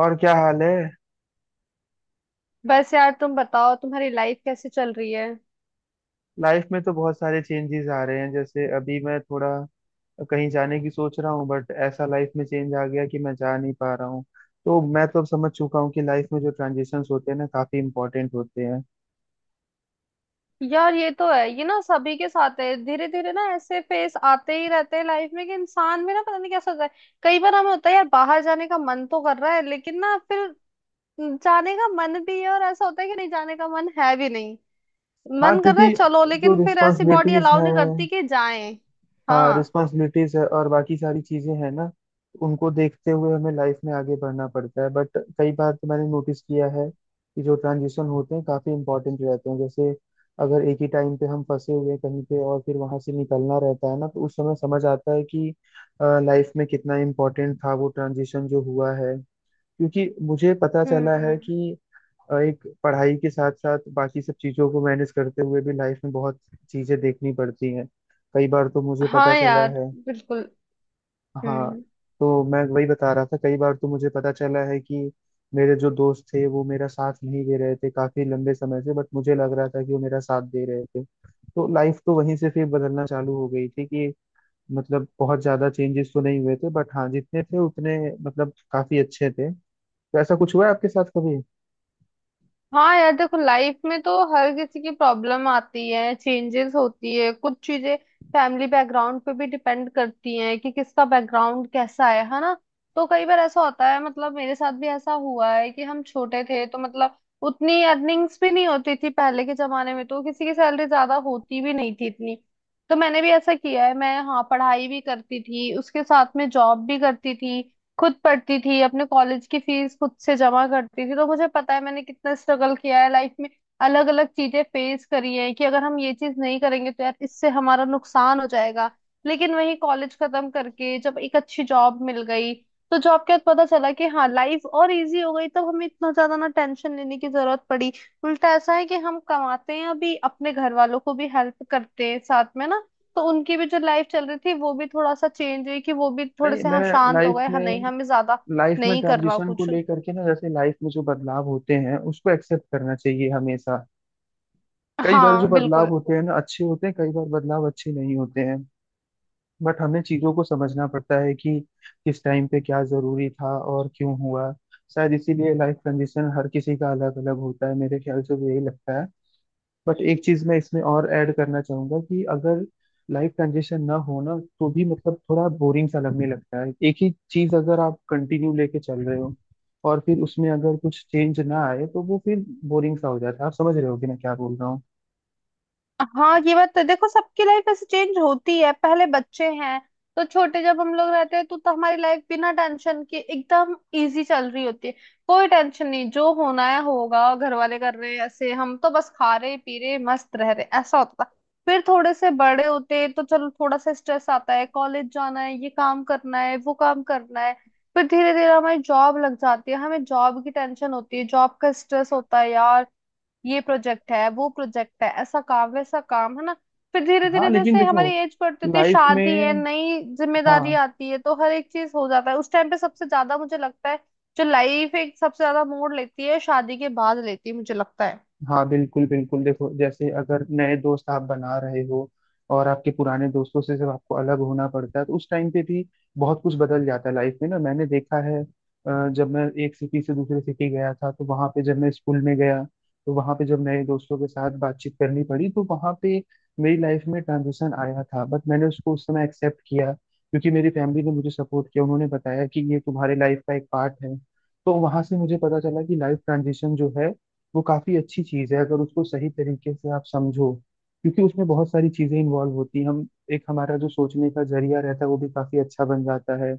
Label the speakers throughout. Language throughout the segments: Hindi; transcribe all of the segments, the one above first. Speaker 1: और क्या हाल है।
Speaker 2: बस यार, तुम बताओ, तुम्हारी लाइफ कैसे चल रही है?
Speaker 1: लाइफ में तो बहुत सारे चेंजेस आ रहे हैं। जैसे अभी मैं थोड़ा कहीं जाने की सोच रहा हूँ, बट ऐसा लाइफ में चेंज आ गया कि मैं जा नहीं पा रहा हूँ। तो मैं तो अब समझ चुका हूँ कि लाइफ में जो ट्रांजिशंस होते हैं ना, काफी इंपॉर्टेंट होते हैं।
Speaker 2: यार, ये तो है, ये ना सभी के साथ है। धीरे धीरे ना ऐसे फेस आते ही रहते हैं लाइफ में कि इंसान में ना पता नहीं कैसा होता है। कई बार हमें होता है यार, बाहर जाने का मन तो कर रहा है लेकिन ना, फिर जाने का मन भी है, और ऐसा होता है कि नहीं, जाने का मन है भी नहीं।
Speaker 1: हाँ,
Speaker 2: मन कर रहा
Speaker 1: क्योंकि
Speaker 2: है चलो,
Speaker 1: जो
Speaker 2: लेकिन फिर ऐसी बॉडी
Speaker 1: रिस्पॉन्सिबिलिटीज
Speaker 2: अलाउ
Speaker 1: हैं,
Speaker 2: नहीं करती कि जाएं।
Speaker 1: हाँ,
Speaker 2: हाँ।
Speaker 1: रिस्पॉन्सिबिलिटीज है और बाकी सारी चीजें हैं ना, उनको देखते हुए हमें लाइफ में आगे बढ़ना पड़ता है। बट कई बार तो मैंने नोटिस किया है कि जो ट्रांजिशन होते हैं काफी इंपॉर्टेंट रहते हैं। जैसे अगर एक ही टाइम पे हम फंसे हुए हैं कहीं पे और फिर वहां से निकलना रहता है ना, तो उस समय समझ आता है कि लाइफ में कितना इम्पोर्टेंट था वो ट्रांजिशन जो हुआ है। क्योंकि मुझे पता चला है
Speaker 2: हम्म।
Speaker 1: कि एक पढ़ाई के साथ साथ बाकी सब चीजों को मैनेज करते हुए भी लाइफ में बहुत चीजें देखनी पड़ती हैं। कई बार तो मुझे पता
Speaker 2: हाँ
Speaker 1: चला
Speaker 2: यार,
Speaker 1: है।
Speaker 2: बिल्कुल।
Speaker 1: हाँ,
Speaker 2: हम्म।
Speaker 1: तो मैं वही बता रहा था, कई बार तो मुझे पता चला है कि मेरे जो दोस्त थे वो मेरा साथ नहीं दे रहे थे काफी लंबे समय से, बट मुझे लग रहा था कि वो मेरा साथ दे रहे थे। तो लाइफ तो वहीं से फिर बदलना चालू हो गई थी कि, मतलब बहुत ज्यादा चेंजेस तो नहीं हुए थे बट हाँ, जितने थे उतने मतलब काफी अच्छे थे। तो ऐसा कुछ हुआ है आपके साथ कभी?
Speaker 2: हाँ यार, देखो लाइफ में तो हर किसी की प्रॉब्लम आती है, चेंजेस होती है, कुछ चीजें फैमिली बैकग्राउंड पे भी डिपेंड करती हैं कि किसका बैकग्राउंड कैसा है ना। तो कई बार ऐसा होता है, मतलब मेरे साथ भी ऐसा हुआ है कि हम छोटे थे तो मतलब उतनी अर्निंग्स भी नहीं होती थी, पहले के जमाने में तो किसी की सैलरी ज्यादा होती भी नहीं थी इतनी। तो मैंने भी ऐसा किया है, मैं, हाँ, पढ़ाई भी करती थी, उसके साथ में जॉब भी करती थी। खुद पढ़ती थी, अपने कॉलेज की फीस खुद से जमा करती थी, तो मुझे पता है मैंने कितना स्ट्रगल किया है लाइफ में। अलग अलग चीजें फेस करी है कि अगर हम ये चीज नहीं करेंगे तो यार, इससे हमारा नुकसान हो जाएगा। लेकिन वही कॉलेज खत्म करके जब एक अच्छी जॉब मिल गई, तो जॉब के बाद पता चला कि हाँ, लाइफ और इजी हो गई, तब हमें इतना ज्यादा ना टेंशन लेने की जरूरत पड़ी। उल्टा ऐसा है कि हम कमाते हैं अभी, अपने घर वालों को भी हेल्प करते हैं साथ में ना। तो उनकी भी जो लाइफ चल रही थी वो भी थोड़ा सा चेंज हुई कि वो भी थोड़े
Speaker 1: नहीं,
Speaker 2: से,
Speaker 1: मैं
Speaker 2: हाँ, शांत हो
Speaker 1: लाइफ
Speaker 2: गए। हाँ, नहीं
Speaker 1: में,
Speaker 2: हमें ज्यादा
Speaker 1: लाइफ में
Speaker 2: नहीं करना
Speaker 1: ट्रांजिशन को
Speaker 2: कुछ।
Speaker 1: लेकर के ना, जैसे लाइफ में जो बदलाव होते हैं उसको एक्सेप्ट करना चाहिए हमेशा। कई बार जो
Speaker 2: हाँ,
Speaker 1: बदलाव
Speaker 2: बिल्कुल।
Speaker 1: होते हैं ना अच्छे होते हैं, कई बार बदलाव अच्छे नहीं होते हैं। बट हमें चीजों को समझना पड़ता है कि किस टाइम पे क्या जरूरी था और क्यों हुआ। शायद इसीलिए लाइफ ट्रांजिशन हर किसी का अलग अलग होता है, मेरे ख्याल से भी यही लगता है। बट एक चीज मैं इसमें और ऐड करना चाहूंगा कि अगर लाइफ ट्रांजिशन ना हो ना, तो भी मतलब थोड़ा बोरिंग सा लगने लगता है। एक ही चीज अगर आप कंटिन्यू लेके चल रहे हो और फिर उसमें अगर कुछ चेंज ना आए तो वो फिर बोरिंग सा हो जाता है। आप समझ रहे होगे मैं क्या बोल रहा हूँ।
Speaker 2: हाँ, ये बात तो देखो, सबकी लाइफ ऐसे चेंज होती है। पहले बच्चे हैं, तो छोटे जब हम लोग रहते हैं तो हमारी लाइफ बिना टेंशन के एकदम इजी चल रही होती है। कोई टेंशन नहीं, जो होना है होगा, घर वाले कर रहे हैं, ऐसे हम तो बस खा रहे, पी रहे, मस्त रह रहे, ऐसा होता था। फिर थोड़े से बड़े होते हैं, तो चलो, थोड़ा सा स्ट्रेस आता है, कॉलेज जाना है, ये काम करना है, वो काम करना है। फिर धीरे धीरे हमारी जॉब लग जाती है, हमें जॉब की टेंशन होती है, जॉब का स्ट्रेस होता है यार, ये प्रोजेक्ट है, वो प्रोजेक्ट है, ऐसा काम, वैसा काम, है ना। फिर धीरे
Speaker 1: हाँ
Speaker 2: धीरे
Speaker 1: लेकिन
Speaker 2: जैसे
Speaker 1: देखो
Speaker 2: हमारी एज बढ़ती होती है,
Speaker 1: लाइफ
Speaker 2: शादी है,
Speaker 1: में,
Speaker 2: नई जिम्मेदारी
Speaker 1: हाँ,
Speaker 2: आती है, तो हर एक चीज हो जाता है उस टाइम पे सबसे ज्यादा, मुझे लगता है। जो लाइफ एक सबसे ज्यादा मोड़ लेती है, शादी के बाद लेती है, मुझे लगता है।
Speaker 1: हाँ बिल्कुल बिल्कुल। देखो जैसे अगर नए दोस्त आप बना रहे हो और आपके पुराने दोस्तों से जब आपको अलग होना पड़ता है, तो उस टाइम पे भी बहुत कुछ बदल जाता है लाइफ में ना। मैंने देखा है, जब मैं एक सिटी से दूसरे सिटी गया था तो वहाँ पे जब मैं स्कूल में गया, तो वहाँ पे जब नए दोस्तों के साथ बातचीत करनी पड़ी तो वहाँ पे मेरी लाइफ में ट्रांजिशन आया था। बट मैंने उसको उस समय एक्सेप्ट किया क्योंकि मेरी फैमिली ने मुझे सपोर्ट किया, उन्होंने बताया कि ये तुम्हारे लाइफ का एक पार्ट है। तो वहां से मुझे पता चला कि लाइफ ट्रांजिशन जो है वो काफी अच्छी चीज है, अगर उसको सही तरीके से आप समझो। क्योंकि उसमें बहुत सारी चीजें इन्वॉल्व होती हैं। हम, एक हमारा जो सोचने का जरिया रहता है वो भी काफी अच्छा बन जाता है।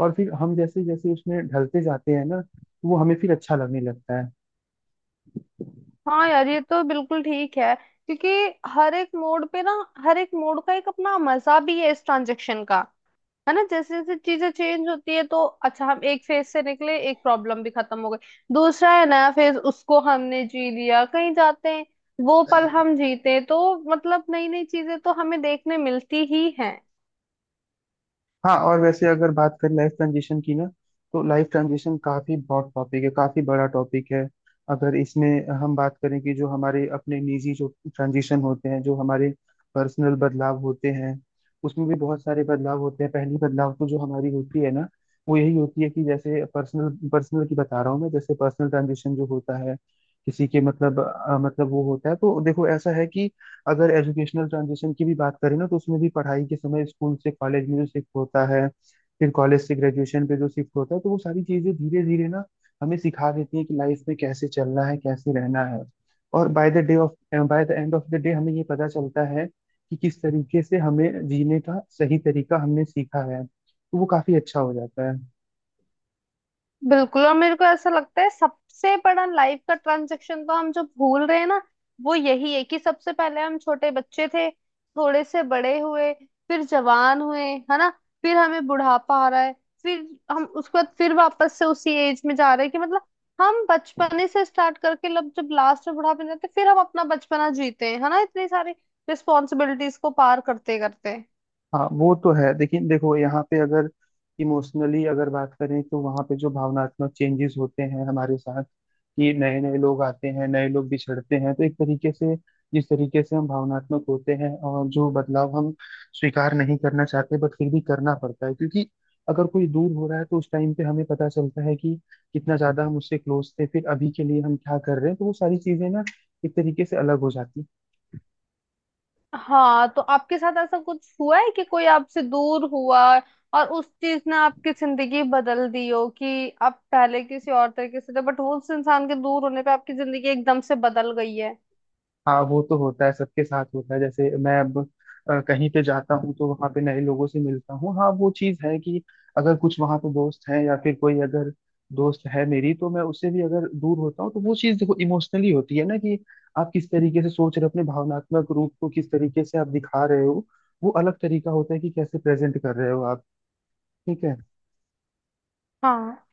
Speaker 1: और फिर हम जैसे जैसे उसमें ढलते जाते हैं ना, तो वो हमें फिर अच्छा लगने लगता है।
Speaker 2: हाँ यार, ये तो बिल्कुल ठीक है, क्योंकि हर एक मोड पे ना, हर एक मोड का एक अपना मजा भी है इस ट्रांजेक्शन का, है ना। जैसे जैसे चीजें चेंज होती है, तो अच्छा, हम एक फेज से निकले, एक प्रॉब्लम भी खत्म हो गई, दूसरा है नया फेज, उसको हमने जी लिया, कहीं जाते हैं, वो पल हम जीते हैं। तो मतलब नई नई चीजें तो हमें देखने मिलती ही हैं।
Speaker 1: हाँ, और वैसे अगर बात करें लाइफ ट्रांजिशन की ना, तो लाइफ ट्रांजिशन काफी बहुत टॉपिक है, काफी बड़ा टॉपिक है। अगर इसमें हम बात करें कि जो हमारे अपने निजी जो ट्रांजिशन होते हैं, जो हमारे पर्सनल बदलाव होते हैं, उसमें भी बहुत सारे बदलाव होते हैं। पहली बदलाव तो जो हमारी होती है ना, वो यही होती है कि जैसे पर्सनल, पर्सनल की बता रहा हूँ मैं, जैसे पर्सनल ट्रांजिशन जो होता है किसी के, मतलब मतलब वो होता है, तो देखो ऐसा है कि अगर एजुकेशनल ट्रांजिशन की भी बात करें ना, तो उसमें भी पढ़ाई के समय स्कूल से कॉलेज में जो शिफ्ट होता है, फिर कॉलेज से ग्रेजुएशन पे जो शिफ्ट होता है, तो वो सारी चीजें धीरे धीरे ना हमें सिखा देती है कि लाइफ में कैसे चलना है, कैसे रहना है। और by the end of the day हमें ये पता चलता है कि किस तरीके से हमें जीने का सही तरीका हमने सीखा है, तो वो काफी अच्छा हो जाता है।
Speaker 2: बिल्कुल, और मेरे को ऐसा लगता है सबसे बड़ा लाइफ का ट्रांजेक्शन तो हम जो भूल रहे हैं ना, वो यही है कि सबसे पहले हम छोटे बच्चे थे, थोड़े से बड़े हुए, फिर जवान हुए, है ना। फिर हमें बुढ़ापा आ रहा है, फिर हम उसके बाद फिर वापस से उसी एज में जा रहे हैं कि मतलब हम बचपने से स्टार्ट करके लब जब लास्ट में बुढ़ापे में जाते हैं, फिर हम अपना बचपना जीते हैं, है ना, इतनी सारी रिस्पॉन्सिबिलिटीज को पार करते करते।
Speaker 1: हाँ वो तो है, लेकिन देखो यहाँ पे अगर इमोशनली अगर बात करें, तो वहाँ पे जो भावनात्मक चेंजेस होते हैं हमारे साथ कि नए नए लोग आते हैं, नए लोग बिछड़ते हैं, तो एक तरीके से जिस तरीके से हम भावनात्मक होते हैं और जो बदलाव हम स्वीकार नहीं करना चाहते बट फिर भी करना पड़ता है, क्योंकि अगर कोई दूर हो रहा है तो उस टाइम पे हमें पता चलता है कि कितना ज्यादा हम उससे क्लोज थे, फिर अभी के लिए हम क्या कर रहे हैं, तो वो सारी चीजें ना एक तरीके से अलग हो जाती हैं।
Speaker 2: हाँ, तो आपके साथ ऐसा कुछ हुआ है कि कोई आपसे दूर हुआ और उस चीज ने आपकी जिंदगी बदल दी हो, कि आप पहले किसी और तरीके से थे बट वो उस इंसान के दूर होने पे आपकी जिंदगी एकदम से बदल गई है?
Speaker 1: हाँ वो तो होता है, सबके साथ होता है। जैसे मैं अब कहीं पे जाता हूँ तो वहां पे नए लोगों से मिलता हूँ, हाँ वो चीज है कि अगर कुछ वहां पे दोस्त हैं या फिर कोई अगर दोस्त है मेरी, तो मैं उससे भी अगर दूर होता हूँ तो वो चीज देखो इमोशनली होती है ना कि आप किस तरीके से सोच रहे हो, अपने भावनात्मक रूप को किस तरीके से आप दिखा रहे हो, वो अलग तरीका होता है कि कैसे प्रेजेंट कर रहे हो आप। ठीक है।
Speaker 2: हाँ,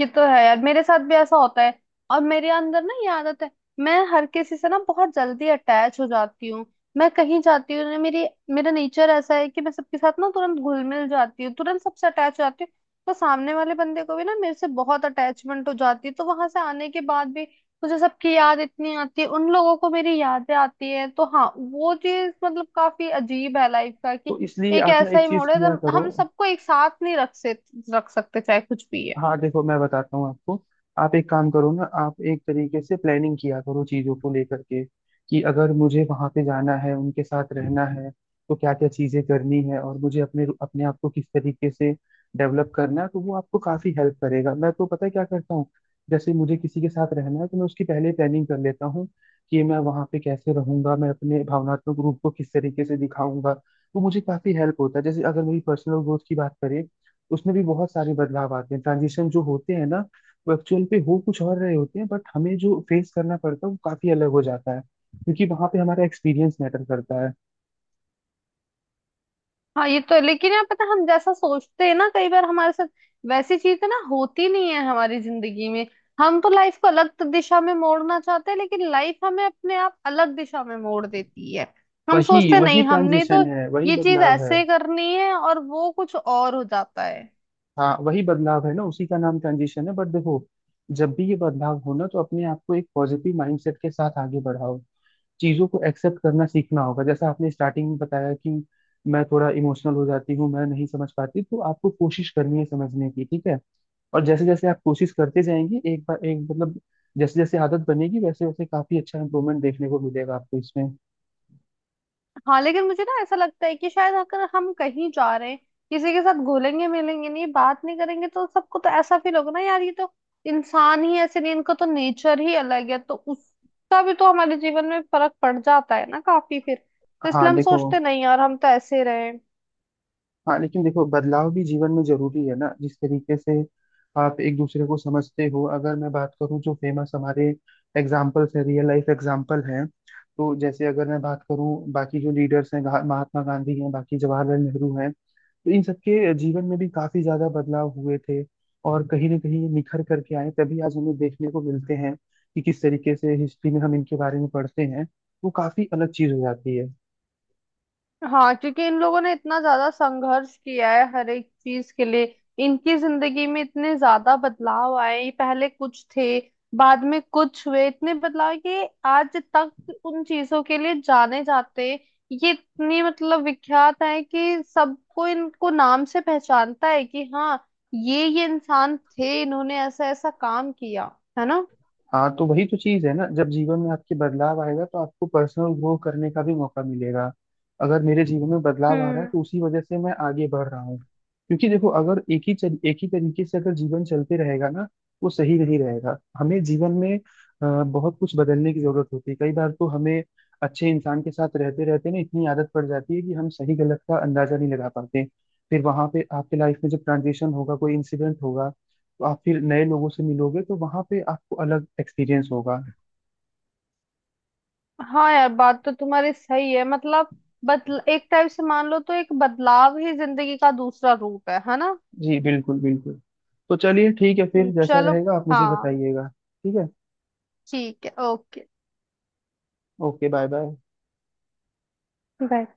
Speaker 2: ये तो है यार, मेरे साथ भी ऐसा होता है। और मेरे अंदर ना, ये आदत है, मैं हर किसी से ना बहुत जल्दी अटैच हो जाती हूँ। मैं कहीं जाती हूँ ना, मेरी मेरा नेचर ऐसा है कि मैं सबके साथ ना तुरंत घुल मिल जाती हूँ, तुरंत सबसे अटैच हो जाती हूँ। तो सामने वाले बंदे को भी ना मेरे से बहुत अटैचमेंट हो जाती है, तो वहां से आने के बाद भी मुझे सबकी याद इतनी आती है, उन लोगों को मेरी यादें आती है। तो हाँ, वो चीज मतलब काफी अजीब है लाइफ का,
Speaker 1: तो
Speaker 2: कि
Speaker 1: इसलिए
Speaker 2: एक
Speaker 1: आप ना
Speaker 2: ऐसा
Speaker 1: एक
Speaker 2: ही
Speaker 1: चीज
Speaker 2: मोड़ है
Speaker 1: किया
Speaker 2: जब
Speaker 1: करो,
Speaker 2: हम सबको एक साथ नहीं रख सकते, चाहे कुछ भी है।
Speaker 1: हाँ देखो मैं बताता हूँ आपको, आप एक काम करो ना, आप एक तरीके से प्लानिंग किया करो चीजों को लेकर के कि अगर मुझे वहां पे जाना है, उनके साथ रहना है, तो क्या क्या चीजें करनी है और मुझे अपने, अपने आप को किस तरीके से डेवलप करना है, तो वो आपको काफी हेल्प करेगा। मैं तो पता है क्या करता हूँ, जैसे मुझे किसी के साथ रहना है तो मैं उसकी पहले प्लानिंग कर लेता हूँ कि मैं वहां पे कैसे रहूंगा, मैं अपने भावनात्मक रूप को किस तरीके से दिखाऊंगा, तो मुझे काफी हेल्प होता है। जैसे अगर मेरी पर्सनल ग्रोथ की बात करें, उसमें भी बहुत सारे बदलाव आते हैं। ट्रांजिशन जो होते हैं ना, वो एक्चुअल पे हो कुछ और रहे होते हैं, बट हमें जो फेस करना पड़ता है वो काफी अलग हो जाता है, क्योंकि वहां पे हमारा एक्सपीरियंस मैटर करता है।
Speaker 2: हाँ, ये तो है, लेकिन यार, पता है, हम जैसा सोचते हैं ना कई बार हमारे साथ वैसी चीजें ना होती नहीं है हमारी जिंदगी में। हम तो लाइफ को अलग दिशा में मोड़ना चाहते हैं लेकिन लाइफ हमें अपने आप अलग दिशा में मोड़ देती है। हम
Speaker 1: वही
Speaker 2: सोचते हैं,
Speaker 1: वही
Speaker 2: नहीं, हमने तो
Speaker 1: ट्रांजिशन है, वही
Speaker 2: ये चीज
Speaker 1: बदलाव है।
Speaker 2: ऐसे करनी है, और वो कुछ और हो जाता है।
Speaker 1: हाँ वही बदलाव है ना, उसी का नाम ट्रांजिशन है। बट देखो, जब भी ये बदलाव हो ना, तो अपने आप को एक पॉजिटिव माइंडसेट के साथ आगे बढ़ाओ। चीजों को एक्सेप्ट करना सीखना होगा। जैसा आपने स्टार्टिंग में बताया कि मैं थोड़ा इमोशनल हो जाती हूँ, मैं नहीं समझ पाती, तो आपको कोशिश करनी है समझने की, ठीक है। और जैसे जैसे आप कोशिश करते जाएंगे, एक बार एक मतलब, जैसे जैसे आदत बनेगी वैसे वैसे काफी अच्छा इम्प्रूवमेंट देखने को मिलेगा आपको इसमें।
Speaker 2: हाँ लेकिन मुझे ना ऐसा लगता है कि शायद अगर हम कहीं जा रहे हैं, किसी के साथ घुलेंगे मिलेंगे नहीं, बात नहीं करेंगे, तो सबको तो ऐसा फील होगा ना यार, ये तो इंसान ही ऐसे नहीं, इनका तो नेचर ही अलग है, तो उसका भी तो हमारे जीवन में फर्क पड़ जाता है ना काफी फिर। तो
Speaker 1: हाँ
Speaker 2: इसलिए हम
Speaker 1: देखो,
Speaker 2: सोचते नहीं यार, हम तो ऐसे रहे।
Speaker 1: हाँ लेकिन देखो बदलाव भी जीवन में जरूरी है ना, जिस तरीके से आप एक दूसरे को समझते हो। अगर मैं बात करूँ जो फेमस हमारे एग्जाम्पल्स है, रियल लाइफ एग्जाम्पल हैं, तो जैसे अगर मैं बात करूँ बाकी जो लीडर्स हैं, महात्मा गांधी हैं, बाकी जवाहरलाल नेहरू हैं, तो इन सबके जीवन में भी काफी ज्यादा बदलाव हुए थे। और कहीं ना कहीं ये निखर करके आए, तभी आज हमें देखने को मिलते हैं कि किस तरीके से हिस्ट्री में हम इनके बारे में पढ़ते हैं, वो काफी अलग चीज हो जाती है।
Speaker 2: हाँ, क्योंकि इन लोगों ने इतना ज्यादा संघर्ष किया है हर एक चीज के लिए, इनकी जिंदगी में इतने ज्यादा बदलाव आए, ये पहले कुछ थे, बाद में कुछ हुए, इतने बदलाव कि आज तक उन चीजों के लिए जाने जाते हैं। ये इतनी मतलब विख्यात है कि सबको इनको नाम से पहचानता है कि हाँ, ये इंसान थे, इन्होंने ऐसा ऐसा काम किया, है ना।
Speaker 1: हाँ, तो वही तो चीज है ना, जब जीवन में आपके बदलाव आएगा तो आपको पर्सनल ग्रो करने का भी मौका मिलेगा। अगर मेरे जीवन में बदलाव आ रहा है
Speaker 2: हम्म।
Speaker 1: तो उसी वजह से मैं आगे बढ़ रहा हूँ। क्योंकि देखो अगर एक ही तरीके से अगर जीवन चलते रहेगा ना, वो सही नहीं रहेगा। हमें जीवन में बहुत कुछ बदलने की जरूरत होती है। कई बार तो हमें अच्छे इंसान के साथ रहते रहते ना इतनी आदत पड़ जाती है कि हम सही गलत का अंदाजा नहीं लगा पाते। फिर वहां पे आपके लाइफ में जब ट्रांजिशन होगा, कोई इंसिडेंट होगा, तो आप फिर नए लोगों से मिलोगे, तो वहां पे आपको अलग एक्सपीरियंस होगा।
Speaker 2: हाँ यार, बात तो तुम्हारी सही है, मतलब बदल एक टाइप से मान लो तो एक बदलाव ही जिंदगी का दूसरा रूप है ना।
Speaker 1: जी बिल्कुल बिल्कुल। तो चलिए ठीक है, फिर जैसा
Speaker 2: चलो।
Speaker 1: रहेगा आप मुझे
Speaker 2: हाँ,
Speaker 1: बताइएगा, ठीक है।
Speaker 2: ठीक है, okay,
Speaker 1: okay, bye bye.
Speaker 2: Bye.